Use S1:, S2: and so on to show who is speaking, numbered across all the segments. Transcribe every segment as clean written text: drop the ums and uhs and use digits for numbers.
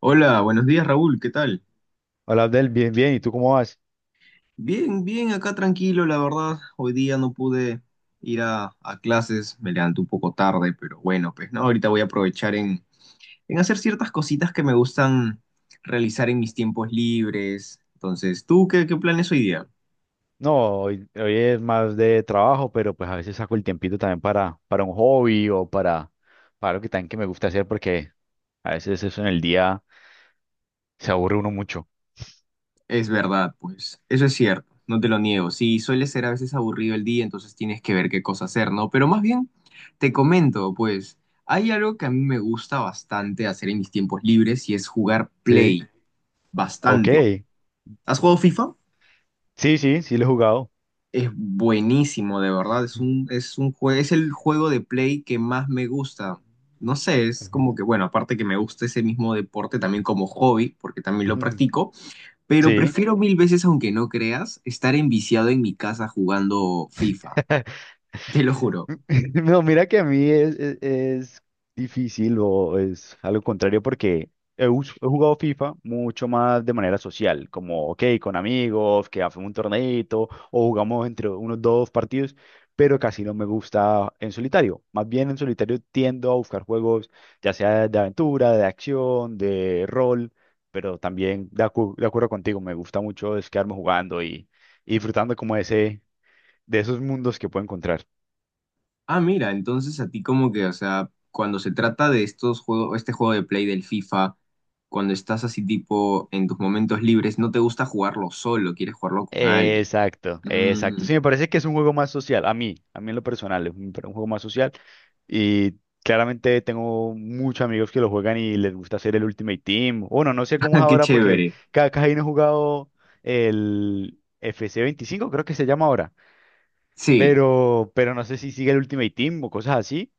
S1: Hola, buenos días Raúl, ¿qué tal?
S2: Hola Abdel, bien, bien, ¿y tú cómo vas?
S1: Bien, bien, acá tranquilo, la verdad. Hoy día no pude ir a clases, me levanté un poco tarde, pero bueno, pues no, ahorita voy a aprovechar en hacer ciertas cositas que me gustan realizar en mis tiempos libres. Entonces, ¿tú qué planes hoy día?
S2: No, hoy es más de trabajo, pero pues a veces saco el tiempito también para un hobby o para algo que también que me gusta hacer porque a veces eso en el día se aburre uno mucho.
S1: Es verdad, pues, eso es cierto, no te lo niego. Sí, suele ser a veces aburrido el día, entonces tienes que ver qué cosa hacer, ¿no? Pero más bien, te comento, pues, hay algo que a mí me gusta bastante hacer en mis tiempos libres y es jugar
S2: Sí,
S1: Play.
S2: ok.
S1: Bastante. ¿Has jugado FIFA?
S2: Sí, sí, sí lo he jugado.
S1: Es buenísimo, de verdad. Es es el juego de play que más me gusta. No sé, es
S2: Ujú.
S1: como que, bueno, aparte que me gusta ese mismo deporte también como hobby, porque también lo
S2: Ujú.
S1: practico, pero
S2: Sí.
S1: prefiero mil veces, aunque no creas, estar enviciado en mi casa jugando FIFA. Te lo juro.
S2: No, mira que a mí es difícil o es algo contrario porque he jugado FIFA mucho más de manera social, como, ok, con amigos, que hacemos un torneito o jugamos entre unos dos partidos, pero casi no me gusta en solitario. Más bien en solitario tiendo a buscar juegos, ya sea de aventura, de acción, de rol, pero también de acuerdo contigo, me gusta mucho es quedarme jugando y disfrutando como de esos mundos que puedo encontrar.
S1: Ah, mira, entonces a ti como que, o sea, cuando se trata de estos juegos, este juego de play del FIFA, cuando estás así tipo en tus momentos libres, no te gusta jugarlo solo, quieres jugarlo con alguien.
S2: Exacto, exacto.
S1: Mm,
S2: Sí, me parece que es un juego más social, a mí en lo personal, es un juego más social. Y claramente tengo muchos amigos que lo juegan y les gusta hacer el Ultimate Team. Bueno, no sé cómo es
S1: qué
S2: ahora porque
S1: chévere.
S2: cada casi no he jugado el FC 25, creo que se llama ahora.
S1: Sí,
S2: Pero no sé si sigue el Ultimate Team o cosas así.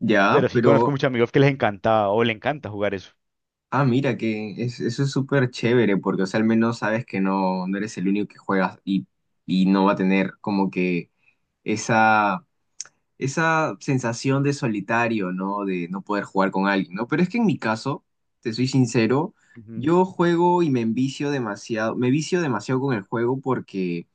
S1: ya,
S2: Pero sí conozco
S1: pero,
S2: muchos amigos que les encanta o le encanta jugar eso.
S1: ah, mira, que es- eso es súper chévere, porque, o sea, al menos sabes que no eres el único que juegas y no va a tener como que esa esa sensación de solitario, ¿no? De no poder jugar con alguien, ¿no? Pero es que en mi caso, te soy sincero,
S2: Ujú.
S1: yo juego y me envicio demasiado, me vicio demasiado con el juego porque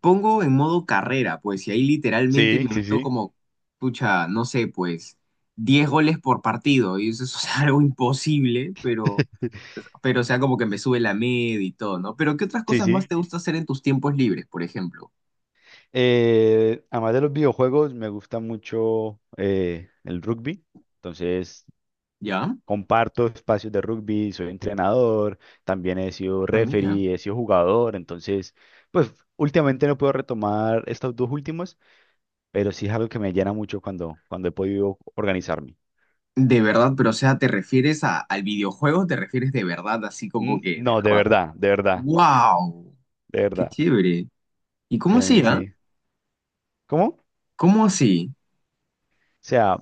S1: pongo en modo carrera, pues, y ahí literalmente
S2: Sí,
S1: me
S2: sí,
S1: meto
S2: sí.
S1: como, pucha, no sé, pues, 10 goles por partido, y eso es algo imposible, pero, o sea, como que me sube la media y todo, ¿no? Pero, ¿qué otras
S2: Sí,
S1: cosas más
S2: sí.
S1: te gusta hacer en tus tiempos libres, por ejemplo?
S2: Además de los videojuegos, me gusta mucho el rugby. Entonces,
S1: ¿Ya?
S2: comparto espacios de rugby, soy entrenador, también he sido
S1: Ah, mira.
S2: referee, he sido jugador. Entonces, pues últimamente no puedo retomar estos dos últimos, pero sí es algo que me llena mucho cuando he podido organizarme.
S1: De verdad, pero o sea, ¿te refieres a- al videojuego? ¿Te refieres de verdad, así como
S2: Mm,
S1: que de
S2: no, de
S1: verdad?
S2: verdad, de verdad,
S1: ¡Wow!
S2: de
S1: ¡Qué
S2: verdad. O
S1: chévere! ¿Y cómo
S2: sea,
S1: así,
S2: en.
S1: ah?
S2: Sí. ¿Cómo? O
S1: ¿Cómo así?
S2: sea,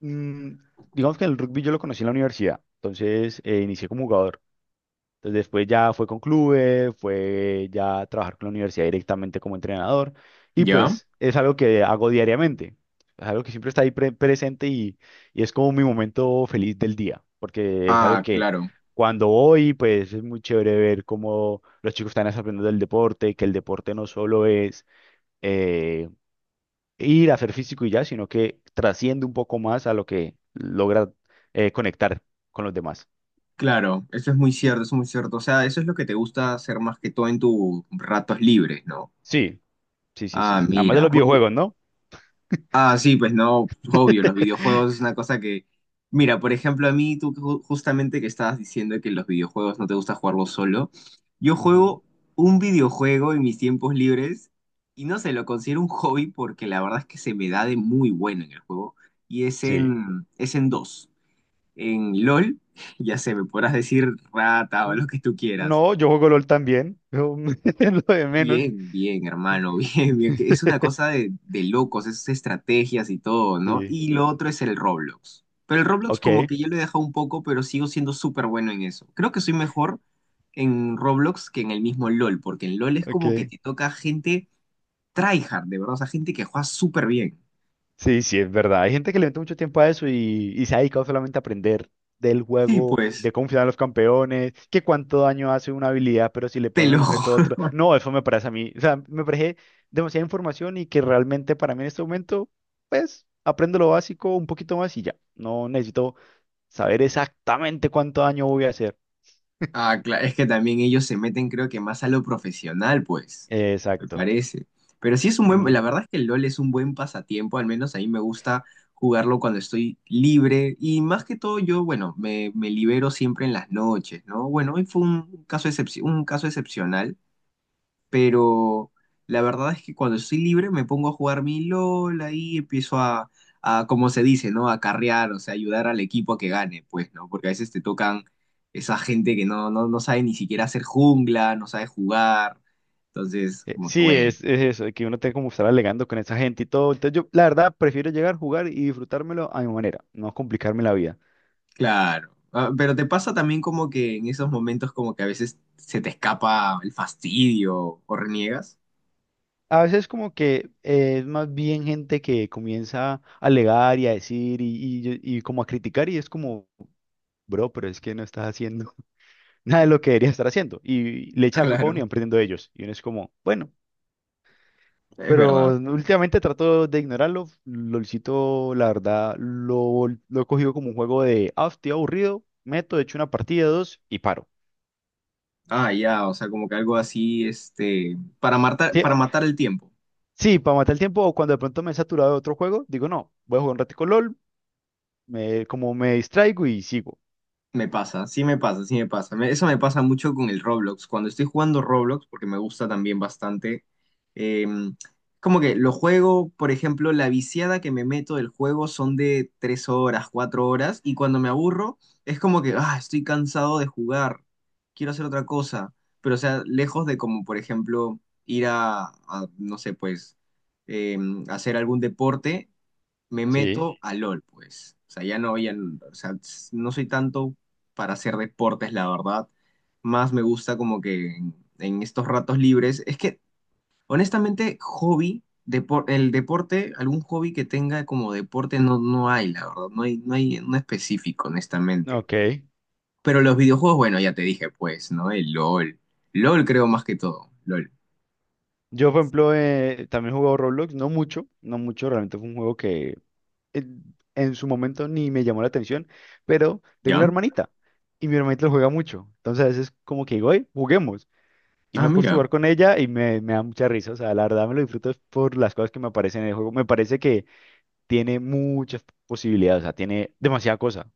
S2: mm, digamos que el rugby yo lo conocí en la universidad. Entonces, inicié como jugador. Entonces después ya fue con clubes, fue ya a trabajar con la universidad directamente como entrenador y
S1: ¿Ya?
S2: pues es algo que hago diariamente, es algo que siempre está ahí presente y es como mi momento feliz del día, porque es algo
S1: Ah,
S2: que
S1: claro,
S2: cuando voy pues es muy chévere ver cómo los chicos están aprendiendo del deporte, que el deporte no solo es eh, ir a hacer físico y ya, sino que trasciende un poco más a lo que logra conectar con los demás.
S1: claro, eso es muy cierto, eso es muy cierto. O sea, eso es lo que te gusta hacer más que todo en tus ratos libres, ¿no?
S2: Sí, sí, sí,
S1: Ah,
S2: sí. Además de
S1: mira.
S2: los videojuegos, ¿no?
S1: Ah, sí, pues no, obvio, los videojuegos es una cosa que... Mira, por ejemplo, a mí tú justamente que estabas diciendo que los videojuegos no te gusta jugarlos solo, yo
S2: Ujú,
S1: juego un videojuego en mis tiempos libres y no sé, lo considero un hobby porque la verdad es que se me da de muy bueno en el juego y es
S2: sí.
S1: en dos, en LOL, ya sé, me podrás decir rata o
S2: Mm,
S1: lo que tú quieras.
S2: no, yo juego LOL también. Yo lo de menos.
S1: Bien, bien, hermano, bien, bien. Que Es una cosa de locos, esas estrategias y todo, ¿no?
S2: Sí.
S1: Y lo otro es el Roblox. Pero el Roblox
S2: Ok,
S1: como que yo lo he dejado un poco, pero sigo siendo súper bueno en eso. Creo que soy mejor en Roblox que en el mismo LOL, porque en LOL es como que
S2: ok.
S1: te toca gente tryhard, de verdad, o sea, gente que juega súper bien.
S2: Sí, sí, es verdad. Hay gente que le mete mucho tiempo a eso y se ha dedicado solamente a aprender del
S1: Sí,
S2: juego,
S1: pues,
S2: de cómo funcionan los campeones, que cuánto daño hace una habilidad, pero si le
S1: te
S2: ponen
S1: lo
S2: un objeto a otro.
S1: juro.
S2: No, eso me parece a mí. O sea, me parece demasiada información y que realmente para mí en este momento, pues, aprendo lo básico un poquito más y ya. No necesito saber exactamente cuánto daño voy a hacer.
S1: Ah, claro, es que también ellos se meten creo que más a lo profesional, pues, me
S2: Exacto.
S1: parece. Pero sí es un
S2: Sí,
S1: buen, la verdad es que el LOL es un buen pasatiempo, al menos a mí me gusta jugarlo cuando estoy libre y más que todo yo, bueno, me libero siempre en las noches, ¿no? Bueno, hoy fue un un caso excepcional, pero la verdad es que cuando estoy libre me pongo a jugar mi LOL, ahí empiezo a como se dice, ¿no? A carrear, o sea, ayudar al equipo a que gane, pues, ¿no? Porque a veces te tocan esa gente que no sabe ni siquiera hacer jungla, no sabe jugar, entonces, como que
S2: sí,
S1: bueno,
S2: es eso, que uno tenga como estar alegando con esa gente y todo. Entonces yo, la verdad, prefiero llegar, jugar y disfrutármelo a mi manera, no complicarme la vida.
S1: claro. Ah, pero te pasa también como que en esos momentos como que a veces se te escapa el fastidio o reniegas.
S2: A veces como que es más bien gente que comienza a alegar y a decir y como a criticar y es como, bro, pero es que no estás haciendo nada de lo que deberías estar haciendo. Y le echan la culpa a uno y
S1: Claro,
S2: van perdiendo ellos. Y uno es como, bueno.
S1: es
S2: Pero
S1: verdad.
S2: últimamente trato de ignorarlo. LOLcito, la verdad, lo he cogido como un juego de, ah, estoy aburrido, echo una partida, dos y paro.
S1: Ah, ya, o sea, como que algo así, este,
S2: Sí,
S1: para
S2: ah,
S1: matar el tiempo.
S2: sí, para matar el tiempo o cuando de pronto me he saturado de otro juego, digo, no, voy a jugar un ratico LOL, como me distraigo y sigo.
S1: Me pasa, sí me pasa, sí me pasa. Eso me pasa mucho con el Roblox. Cuando estoy jugando Roblox, porque me gusta también bastante, eh, como que lo juego, por ejemplo, la viciada que me meto del juego son de tres horas, cuatro horas, y cuando me aburro, es como que, ah, estoy cansado de jugar, quiero hacer otra cosa. Pero, o sea, lejos de como, por ejemplo, ir no sé, pues, eh, hacer algún deporte, me
S2: Sí.
S1: meto a LOL, pues. O sea, ya no, ya, o sea, no soy tanto para hacer deportes, la verdad. Más me gusta como que en estos ratos libres. Es que, honestamente, hobby, el deporte, algún hobby que tenga como deporte no, no hay, la verdad. No hay, no hay uno específico, honestamente.
S2: Ok.
S1: Pero los videojuegos, bueno, ya te dije, pues, ¿no? El LOL. LOL creo más que todo. LOL.
S2: Yo, por ejemplo, también he jugado Roblox, no mucho, no mucho, realmente fue un juego que en, en su momento ni me llamó la atención, pero tengo una
S1: ¿Ya?
S2: hermanita y mi hermanita lo juega mucho. Entonces a veces como que digo, "Oye, juguemos". Y me
S1: Ah,
S2: he puesto a
S1: mira.
S2: jugar con ella y me da mucha risa. O sea, la verdad me lo disfruto es por las cosas que me aparecen en el juego. Me parece que tiene muchas posibilidades, o sea, tiene demasiada cosa.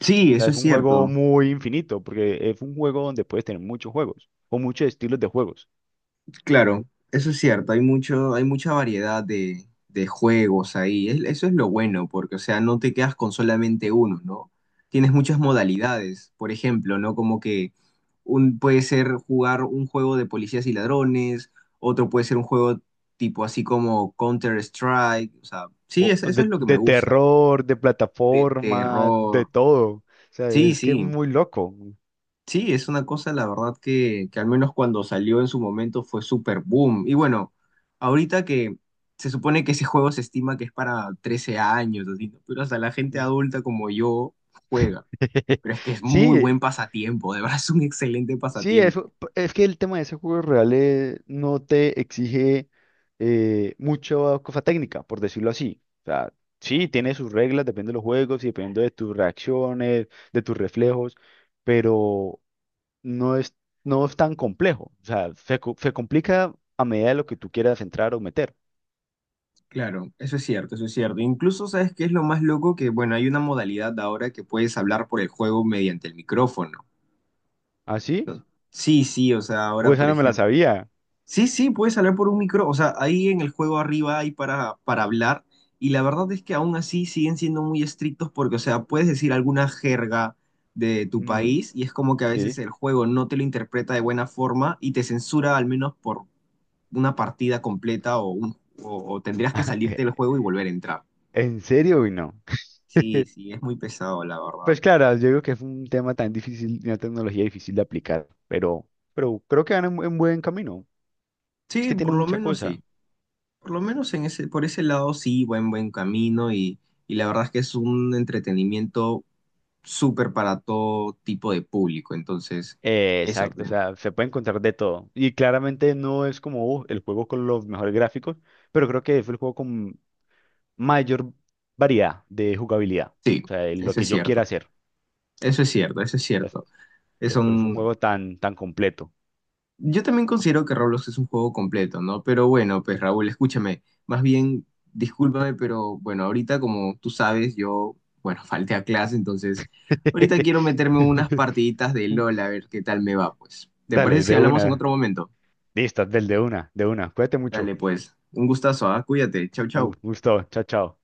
S1: Sí,
S2: O sea,
S1: eso
S2: es
S1: es
S2: un juego
S1: cierto.
S2: muy infinito, porque es un juego donde puedes tener muchos juegos, o muchos estilos de juegos,
S1: Claro, eso es cierto, hay mucho, hay mucha variedad de juegos ahí. Es- eso es lo bueno, porque, o sea, no te quedas con solamente uno, ¿no? Tienes muchas modalidades, por ejemplo, ¿no? Como que un, puede ser jugar un juego de policías y ladrones, otro puede ser un juego tipo así como Counter-Strike, o sea, sí,
S2: o
S1: es-
S2: o
S1: eso
S2: de,
S1: es lo que me
S2: de
S1: gusta,
S2: terror, de
S1: de
S2: plataforma, de
S1: terror.
S2: todo. O sea,
S1: Sí,
S2: es que es
S1: sí.
S2: muy loco.
S1: Sí, es una cosa, la verdad, que al menos cuando salió en su momento fue super boom. Y bueno, ahorita que se supone que ese juego se estima que es para 13 años, así, ¿no? Pero hasta la gente adulta como yo juega. Pero es que es muy
S2: Sí,
S1: buen pasatiempo, de verdad es un excelente
S2: sí,
S1: pasatiempo.
S2: eso, es que el tema de ese juego real no te exige mucha cosa técnica, por decirlo así. O sea, sí, tiene sus reglas, depende de los juegos y dependiendo de tus reacciones, de tus reflejos, pero no es, no es tan complejo. O sea, se complica a medida de lo que tú quieras entrar o meter.
S1: Claro, eso es cierto, eso es cierto. Incluso, ¿sabes qué es lo más loco? Que, bueno, hay una modalidad ahora que puedes hablar por el juego mediante el micrófono.
S2: ¿Ah, sí?
S1: ¿No? Sí, sí, o sea,
S2: Uy,
S1: ahora,
S2: esa
S1: por
S2: no me la
S1: ejemplo...
S2: sabía.
S1: Sí, sí, puedes hablar por un micro, o sea, ahí en el juego arriba hay para hablar y la verdad es que aún así siguen siendo muy estrictos porque, o sea, puedes decir alguna jerga de tu
S2: Ujú,
S1: país y es como que a veces
S2: sí.
S1: el juego no te lo interpreta de buena forma y te censura al menos por una partida completa o tendrías que salirte del juego y volver a entrar.
S2: ¿En serio, o no?
S1: Sí, sí, es muy pesado, la verdad.
S2: Pues claro, yo digo que es un tema tan difícil, y una tecnología difícil de aplicar, pero creo que van en buen camino. Es
S1: Sí,
S2: que
S1: por
S2: tienen
S1: lo
S2: mucha
S1: menos
S2: cosa.
S1: sí, por lo menos en ese, por ese lado sí, buen, buen camino y la verdad es que es un entretenimiento súper para todo tipo de público. Entonces, eso,
S2: Exacto, o
S1: pues,
S2: sea, se puede encontrar de todo. Y claramente no es como el juego con los mejores gráficos, pero creo que fue el juego con mayor variedad de jugabilidad.
S1: sí,
S2: O sea, lo
S1: eso
S2: que
S1: es
S2: yo quiera
S1: cierto.
S2: hacer.
S1: Eso es cierto, eso es cierto.
S2: Entonces,
S1: Es
S2: por eso es un
S1: un...
S2: juego tan, tan completo.
S1: Yo también considero que Roblox es un juego completo, ¿no? Pero bueno, pues Raúl, escúchame. Más bien, discúlpame, pero bueno, ahorita como tú sabes, yo, bueno, falté a clase, entonces ahorita quiero meterme unas partiditas de LOL a ver qué tal me va, pues. ¿Te parece
S2: Dale,
S1: si
S2: de
S1: hablamos en
S2: una.
S1: otro momento?
S2: Listo, del de una, de una. Cuídate mucho.
S1: Dale, pues. Un gustazo, ¿ah? Cuídate. Chau,
S2: Un
S1: chau.
S2: gusto. Chao, chao.